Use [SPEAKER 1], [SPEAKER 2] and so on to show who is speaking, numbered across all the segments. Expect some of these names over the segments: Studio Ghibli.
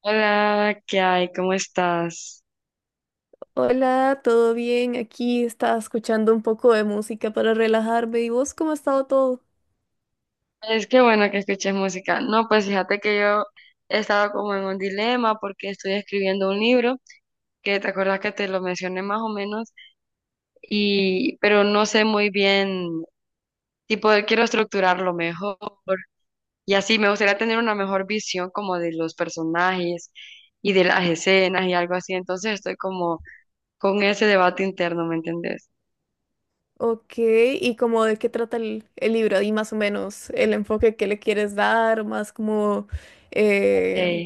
[SPEAKER 1] Hola, ¿qué hay? ¿Cómo estás?
[SPEAKER 2] Hola, ¿todo bien? Aquí estaba escuchando un poco de música para relajarme. ¿Y vos cómo ha estado todo?
[SPEAKER 1] Es que bueno que escuches música. No, pues fíjate que yo he estado como en un dilema porque estoy escribiendo un libro que te acuerdas que te lo mencioné más o menos y pero no sé muy bien, tipo quiero estructurarlo mejor y así me gustaría tener una mejor visión como de los personajes y de las escenas y algo así. Entonces estoy como con ese debate interno, ¿me entendés?
[SPEAKER 2] Ok, ¿y cómo de qué trata el libro? Y más o menos el enfoque que le quieres dar, más como,
[SPEAKER 1] Ok,
[SPEAKER 2] eh,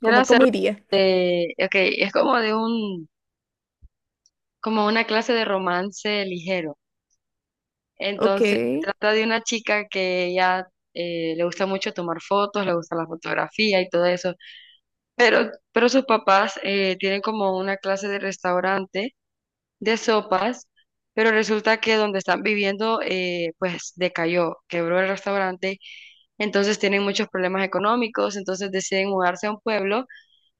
[SPEAKER 1] quiero
[SPEAKER 2] como cómo
[SPEAKER 1] hacerlo
[SPEAKER 2] iría.
[SPEAKER 1] de, ok, es como de un como una clase de romance ligero.
[SPEAKER 2] Ok,
[SPEAKER 1] Entonces, se trata de una chica que ella le gusta mucho tomar fotos, le gusta la fotografía y todo eso, pero sus papás tienen como una clase de restaurante de sopas, pero resulta que donde están viviendo, pues decayó, quebró el restaurante, entonces tienen muchos problemas económicos, entonces deciden mudarse a un pueblo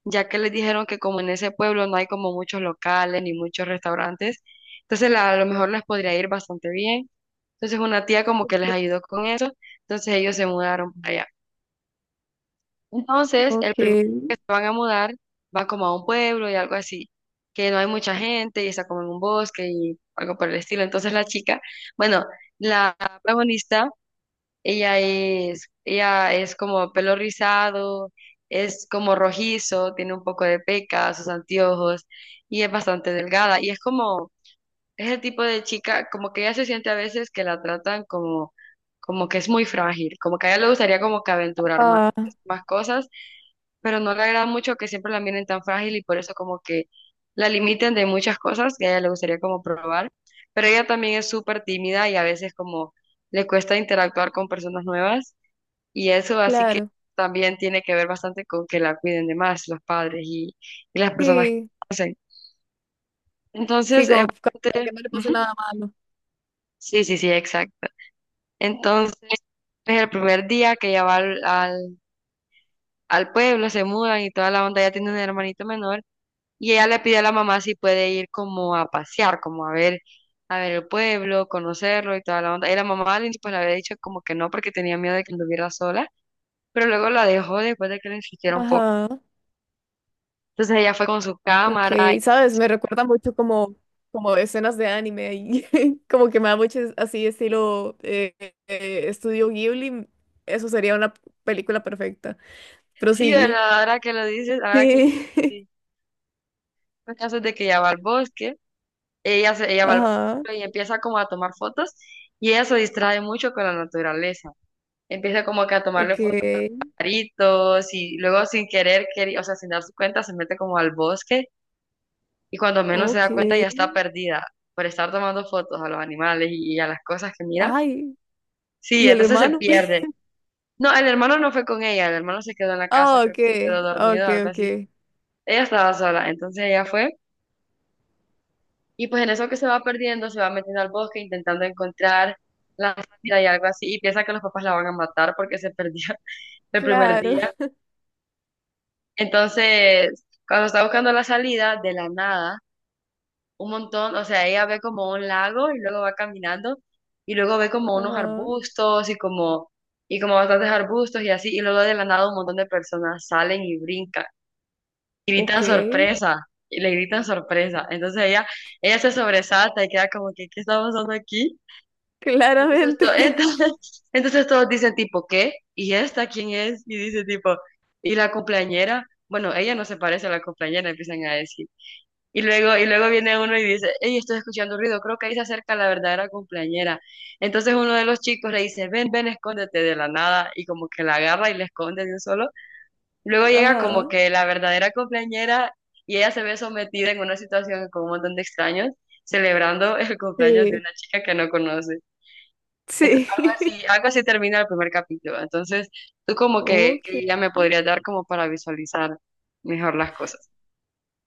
[SPEAKER 1] ya que les dijeron que como en ese pueblo no hay como muchos locales ni muchos restaurantes, entonces a lo mejor les podría ir bastante bien. Entonces una tía como que les ayudó con eso, entonces ellos se mudaron para allá. Entonces el primer día que
[SPEAKER 2] ok.
[SPEAKER 1] se van a mudar, van como a un pueblo y algo así, que no hay mucha gente y está como en un bosque y algo por el estilo. Entonces la chica, bueno, la protagonista, ella es como pelo rizado, es como rojizo, tiene un poco de peca, sus anteojos y es bastante delgada. Y es como, es el tipo de chica, como que ella se siente a veces que la tratan como, como que es muy frágil, como que a ella le gustaría como que aventurar más,
[SPEAKER 2] Ah,
[SPEAKER 1] más cosas, pero no le agrada mucho que siempre la miren tan frágil y por eso como que la limiten de muchas cosas que a ella le gustaría como probar. Pero ella también es súper tímida y a veces como le cuesta interactuar con personas nuevas. Y eso así que
[SPEAKER 2] claro.
[SPEAKER 1] también tiene que ver bastante con que la cuiden de más los padres y las personas que
[SPEAKER 2] Sí,
[SPEAKER 1] hacen.
[SPEAKER 2] sí,
[SPEAKER 1] Entonces,
[SPEAKER 2] como para que no le pase
[SPEAKER 1] ujú,
[SPEAKER 2] nada malo.
[SPEAKER 1] sí, sí, sí, exacto. Entonces, es el primer día que ella va al pueblo, se mudan y toda la onda, ella tiene un hermanito menor y ella le pide a la mamá si puede ir como a pasear, como a ver el pueblo, conocerlo y toda la onda. Y la mamá al inicio, pues le había dicho como que no porque tenía miedo de que anduviera sola, pero luego la dejó después de que le insistiera un poco.
[SPEAKER 2] Ajá.
[SPEAKER 1] Entonces ella fue con su
[SPEAKER 2] Ok,
[SPEAKER 1] cámara.
[SPEAKER 2] sabes, me recuerda mucho como escenas de anime y como que me da mucho así estilo estudio Ghibli, eso sería una película perfecta. Pero
[SPEAKER 1] Sí,
[SPEAKER 2] sí,
[SPEAKER 1] ¿verdad? Ahora que lo dices, ahora que lo
[SPEAKER 2] sí,
[SPEAKER 1] sí. El caso es de que ella va al bosque, ella va al
[SPEAKER 2] ajá,
[SPEAKER 1] bosque y empieza como a tomar fotos y ella se distrae mucho con la naturaleza. Empieza como que a
[SPEAKER 2] ok,
[SPEAKER 1] tomarle fotos a pajaritos y luego sin querer, o sea, sin darse cuenta, se mete como al bosque y cuando menos se
[SPEAKER 2] ok,
[SPEAKER 1] da cuenta ya está perdida por estar tomando fotos a los animales y a las cosas que mira.
[SPEAKER 2] ay,
[SPEAKER 1] Sí,
[SPEAKER 2] ¿y el
[SPEAKER 1] entonces se
[SPEAKER 2] hermano?
[SPEAKER 1] pierde. No, el hermano no fue con ella, el hermano se quedó en la casa,
[SPEAKER 2] Ah,
[SPEAKER 1] creo
[SPEAKER 2] ok,
[SPEAKER 1] que se quedó dormido,
[SPEAKER 2] ok,
[SPEAKER 1] o algo
[SPEAKER 2] ok,
[SPEAKER 1] así. Ella estaba sola, entonces ella fue. Y pues en eso que se va perdiendo, se va metiendo al bosque intentando encontrar la salida y algo así, y piensa que los papás la van a matar porque se perdió el primer
[SPEAKER 2] claro,
[SPEAKER 1] día. Entonces, cuando está buscando la salida, de la nada, un montón, o sea, ella ve como un lago y luego va caminando, y luego ve como unos
[SPEAKER 2] ajá,
[SPEAKER 1] arbustos y como bastantes arbustos y así, y luego de la nada un montón de personas salen y brincan, y
[SPEAKER 2] ok,
[SPEAKER 1] gritan sorpresa, y le gritan sorpresa. Entonces ella se sobresalta y queda como que, ¿qué está pasando aquí? Entonces,
[SPEAKER 2] claramente,
[SPEAKER 1] entonces, entonces todos dicen tipo, ¿qué? ¿Y esta quién es? Y dice tipo, ¿y la cumpleañera? Bueno, ella no se parece a la cumpleañera, empiezan a decir. Y luego viene uno y dice, hey, estoy escuchando ruido, creo que ahí se acerca la verdadera cumpleañera. Entonces uno de los chicos le dice, ven, ven, escóndete de la nada. Y como que la agarra y le esconde de un solo. Luego llega como
[SPEAKER 2] ajá,
[SPEAKER 1] que la verdadera cumpleañera y ella se ve sometida en una situación con un montón de extraños, celebrando el cumpleaños de
[SPEAKER 2] sí,
[SPEAKER 1] una chica que no conoce. Entonces,
[SPEAKER 2] sí,
[SPEAKER 1] algo así termina el primer capítulo. Entonces, tú como
[SPEAKER 2] ok.
[SPEAKER 1] que ya me podrías dar como para visualizar mejor las cosas.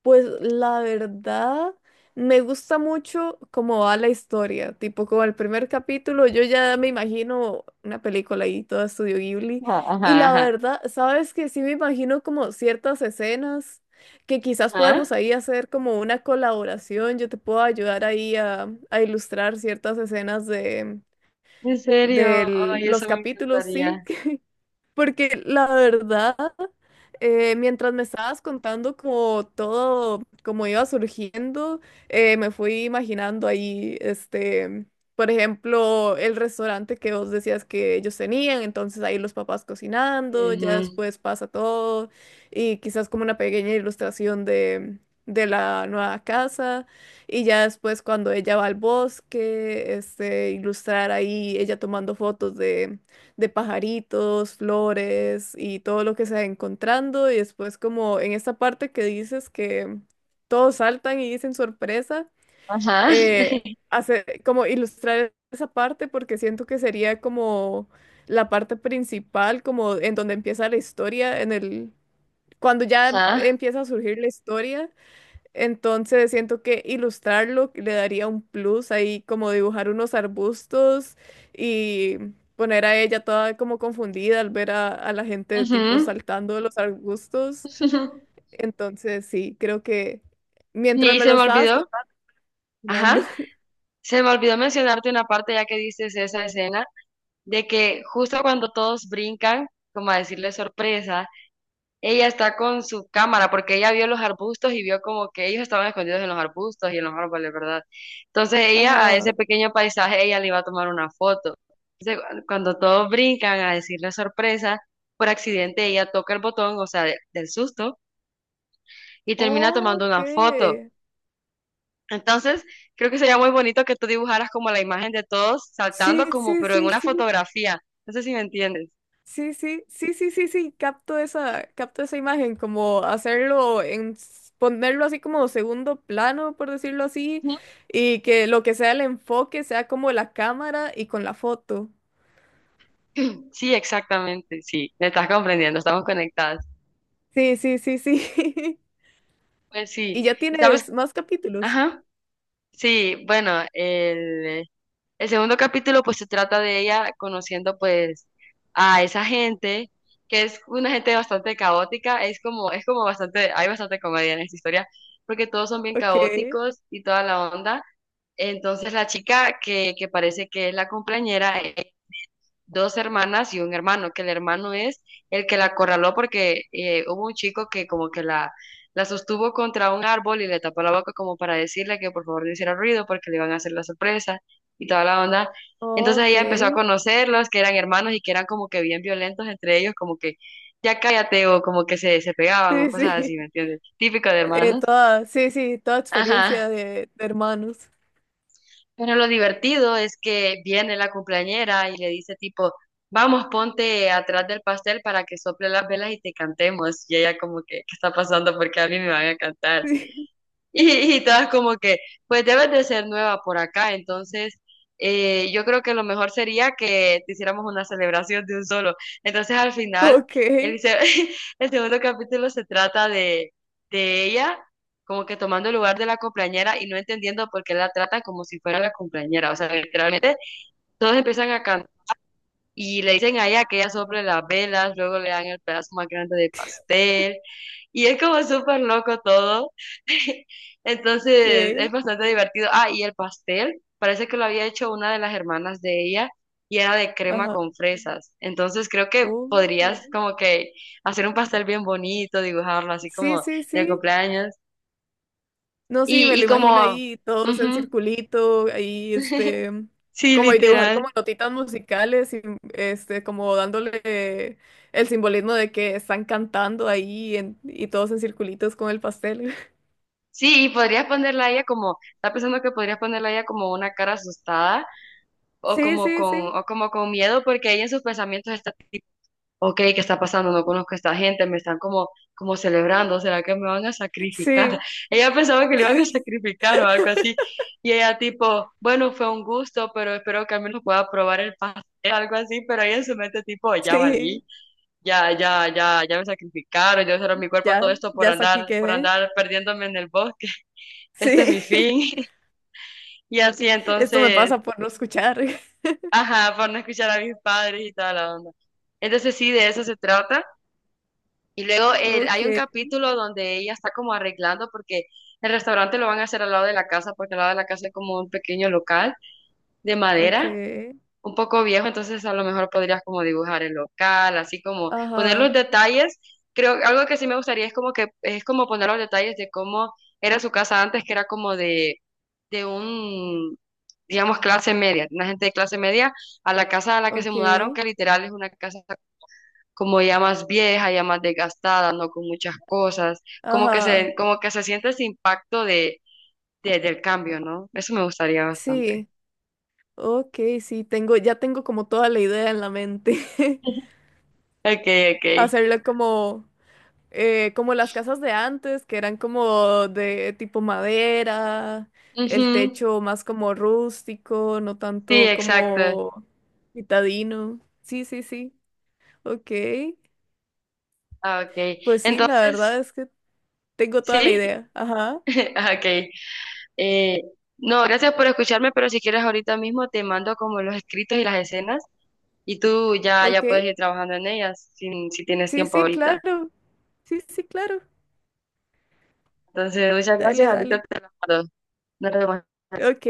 [SPEAKER 2] Pues la verdad, me gusta mucho cómo va la historia, tipo como el primer capítulo, yo ya me imagino una película ahí, todo Estudio Ghibli,
[SPEAKER 1] Ajá,
[SPEAKER 2] y
[SPEAKER 1] ajá,
[SPEAKER 2] la
[SPEAKER 1] ajá.
[SPEAKER 2] verdad, sabes que sí me imagino como ciertas escenas que quizás
[SPEAKER 1] Ajá.
[SPEAKER 2] podemos ahí hacer como una colaboración, yo te puedo ayudar ahí a ilustrar ciertas escenas de,
[SPEAKER 1] En serio,
[SPEAKER 2] de
[SPEAKER 1] ay,
[SPEAKER 2] los
[SPEAKER 1] eso me
[SPEAKER 2] capítulos, sí.
[SPEAKER 1] encantaría.
[SPEAKER 2] Porque la verdad, mientras me estabas contando como todo, como iba surgiendo, me fui imaginando ahí, por ejemplo, el restaurante que vos decías que ellos tenían, entonces ahí los papás cocinando, ya
[SPEAKER 1] Ujú.
[SPEAKER 2] después pasa todo, y quizás como una pequeña ilustración de la nueva casa, y ya después cuando ella va al bosque, ilustrar ahí ella tomando fotos de pajaritos, flores y todo lo que se va encontrando. Y después como en esta parte que dices que todos saltan y dicen sorpresa,
[SPEAKER 1] Ajá,
[SPEAKER 2] eh, hacer, como ilustrar esa parte porque siento que sería como la parte principal, como en donde empieza la historia, cuando ya
[SPEAKER 1] ajá,
[SPEAKER 2] empieza a surgir la historia. Entonces siento que ilustrarlo le daría un plus ahí, como dibujar unos arbustos y poner a ella toda como confundida al ver a la gente tipo
[SPEAKER 1] ujú.
[SPEAKER 2] saltando de los arbustos. Entonces sí, creo que mientras
[SPEAKER 1] Y
[SPEAKER 2] me
[SPEAKER 1] se
[SPEAKER 2] lo
[SPEAKER 1] me
[SPEAKER 2] estabas
[SPEAKER 1] olvidó,
[SPEAKER 2] contando.
[SPEAKER 1] ajá, se me olvidó mencionarte una parte ya que dices esa escena, de que justo cuando todos brincan, como a decirle sorpresa, ella está con su cámara porque ella vio los arbustos y vio como que ellos estaban escondidos en los arbustos y en los árboles, ¿verdad? Entonces ella a ese
[SPEAKER 2] Ajá.
[SPEAKER 1] pequeño paisaje, ella le iba a tomar una foto. Entonces, cuando todos brincan a decirle sorpresa, por accidente ella toca el botón, o sea, del susto, y termina tomando
[SPEAKER 2] Ok.
[SPEAKER 1] una foto. Entonces, creo que sería muy bonito que tú dibujaras como la imagen de todos saltando
[SPEAKER 2] Sí,
[SPEAKER 1] como,
[SPEAKER 2] sí,
[SPEAKER 1] pero en
[SPEAKER 2] sí,
[SPEAKER 1] una
[SPEAKER 2] sí.
[SPEAKER 1] fotografía. No sé si me entiendes.
[SPEAKER 2] Sí, sí, sí, sí, sí, sí, capto esa imagen, como hacerlo ponerlo así como segundo plano, por decirlo así,
[SPEAKER 1] Ujú.
[SPEAKER 2] y que lo que sea el enfoque sea como la cámara y con la foto.
[SPEAKER 1] Sí, exactamente, sí, me estás comprendiendo, estamos conectadas.
[SPEAKER 2] Sí, sí, sí, sí.
[SPEAKER 1] Pues
[SPEAKER 2] Y
[SPEAKER 1] sí,
[SPEAKER 2] ya
[SPEAKER 1] y sabes,
[SPEAKER 2] tienes más capítulos.
[SPEAKER 1] ajá, sí, bueno, el segundo capítulo pues se trata de ella conociendo pues a esa gente, que es una gente bastante caótica, es como bastante, hay bastante comedia en esta historia, porque todos son bien
[SPEAKER 2] Ok,
[SPEAKER 1] caóticos y toda la onda, entonces la chica que parece que es la compañera dos hermanas y un hermano, que el hermano es el que la acorraló porque hubo un chico que como que la sostuvo contra un árbol y le tapó la boca como para decirle que por favor no hiciera ruido porque le iban a hacer la sorpresa y toda la onda. Entonces
[SPEAKER 2] ok.
[SPEAKER 1] ella empezó a conocerlos, que eran hermanos y que eran como que bien violentos entre ellos, como que ya cállate o como que se pegaban o
[SPEAKER 2] Sí,
[SPEAKER 1] cosas así,
[SPEAKER 2] sí.
[SPEAKER 1] ¿me entiendes? Típico de hermanos.
[SPEAKER 2] Sí, sí, toda experiencia
[SPEAKER 1] Ajá.
[SPEAKER 2] de hermanos.
[SPEAKER 1] Pero lo divertido es que viene la cumpleañera y le dice tipo, vamos, ponte atrás del pastel para que sople las velas y te cantemos. Y ella como que, ¿qué está pasando? Porque a mí me van a cantar.
[SPEAKER 2] Sí.
[SPEAKER 1] Y todas como que, pues debes de ser nueva por acá, entonces yo creo que lo mejor sería que te hiciéramos una celebración de un solo. Entonces al final,
[SPEAKER 2] Ok,
[SPEAKER 1] el, se- el segundo capítulo se trata de ella como que tomando el lugar de la cumpleañera y no entendiendo por qué la tratan como si fuera la cumpleañera. O sea, literalmente todos empiezan a cantar. Y le dicen a ella que ella sople las velas, luego le dan el pedazo más grande de pastel. Y es como súper loco todo. Entonces es
[SPEAKER 2] ok.
[SPEAKER 1] bastante divertido. Ah, y el pastel, parece que lo había hecho una de las hermanas de ella y era de crema
[SPEAKER 2] Ajá.
[SPEAKER 1] con fresas. Entonces creo que
[SPEAKER 2] Oh,
[SPEAKER 1] podrías como que hacer un pastel bien bonito, dibujarlo así
[SPEAKER 2] sí,
[SPEAKER 1] como
[SPEAKER 2] sí, sí,
[SPEAKER 1] de
[SPEAKER 2] sí.
[SPEAKER 1] cumpleaños.
[SPEAKER 2] No, sí, me
[SPEAKER 1] Y
[SPEAKER 2] lo imagino
[SPEAKER 1] como...
[SPEAKER 2] ahí todos en
[SPEAKER 1] ujú,
[SPEAKER 2] circulito, ahí
[SPEAKER 1] sí,
[SPEAKER 2] como y dibujar
[SPEAKER 1] literal.
[SPEAKER 2] como notitas musicales y como dándole el simbolismo de que están cantando ahí y todos en circulitos con el pastel.
[SPEAKER 1] Sí, y podrías ponerla a ella como, está pensando que podrías ponerla a ella como una cara asustada
[SPEAKER 2] Sí, sí, sí,
[SPEAKER 1] o como con miedo, porque ella en sus pensamientos está tipo, ok, ¿qué está pasando? No conozco a esta gente, me están como, como celebrando, ¿será que me van a sacrificar?
[SPEAKER 2] sí,
[SPEAKER 1] Ella pensaba que le iban a sacrificar o algo así, y ella tipo, bueno, fue un gusto, pero espero que al menos pueda probar el pastel, algo así, pero ella en su mente tipo, ya
[SPEAKER 2] sí,
[SPEAKER 1] valí, ya, ya, ya, ya me sacrificaron, yo cerré mi cuerpo todo
[SPEAKER 2] ya,
[SPEAKER 1] esto
[SPEAKER 2] ya hasta aquí
[SPEAKER 1] por
[SPEAKER 2] quedé.
[SPEAKER 1] andar perdiéndome en el bosque, este es
[SPEAKER 2] Sí,
[SPEAKER 1] mi fin. Y así
[SPEAKER 2] esto me
[SPEAKER 1] entonces,
[SPEAKER 2] pasa por no escuchar.
[SPEAKER 1] ajá, por no escuchar a mis padres y toda la onda. Entonces sí, de eso se trata. Y luego
[SPEAKER 2] Ok,
[SPEAKER 1] hay un capítulo donde ella está como arreglando porque el restaurante lo van a hacer al lado de la casa, porque al lado de la casa es como un pequeño local de
[SPEAKER 2] ok,
[SPEAKER 1] madera, un poco viejo, entonces a lo mejor podrías como dibujar el local, así como poner los
[SPEAKER 2] ajá,
[SPEAKER 1] detalles. Creo algo que sí me gustaría es como que es como poner los detalles de cómo era su casa antes, que era como de un, digamos, clase media, una gente de clase media, a la casa a la que se
[SPEAKER 2] ok,
[SPEAKER 1] mudaron, que literal es una casa como ya más vieja, ya más desgastada, no con muchas cosas,
[SPEAKER 2] ajá,
[SPEAKER 1] como que se siente ese impacto de, del cambio, ¿no? Eso me gustaría bastante.
[SPEAKER 2] sí. Ok, sí, ya tengo como toda la idea en la mente.
[SPEAKER 1] Okay, okay.
[SPEAKER 2] Hacerlo como, como las casas de antes, que eran como de tipo madera,
[SPEAKER 1] Ujú,
[SPEAKER 2] el techo más como rústico, no
[SPEAKER 1] sí,
[SPEAKER 2] tanto
[SPEAKER 1] exacto.
[SPEAKER 2] como citadino. Sí, sí, sí. Ok.
[SPEAKER 1] Ah, okay.
[SPEAKER 2] Pues sí, la verdad
[SPEAKER 1] Entonces,
[SPEAKER 2] es que tengo toda la
[SPEAKER 1] ¿sí?
[SPEAKER 2] idea. Ajá.
[SPEAKER 1] Ah, okay. Eh, no, gracias por escucharme, pero si quieres ahorita mismo te mando como los escritos y las escenas y tú ya, ya
[SPEAKER 2] Ok.
[SPEAKER 1] puedes ir trabajando en ellas si, si tienes
[SPEAKER 2] Sí,
[SPEAKER 1] tiempo
[SPEAKER 2] sí,
[SPEAKER 1] ahorita.
[SPEAKER 2] claro. Sí, sí, sí, claro.
[SPEAKER 1] Entonces, muchas
[SPEAKER 2] Dale,
[SPEAKER 1] gracias, ahorita
[SPEAKER 2] dale.
[SPEAKER 1] te las mando. Nos vemos.
[SPEAKER 2] Ok.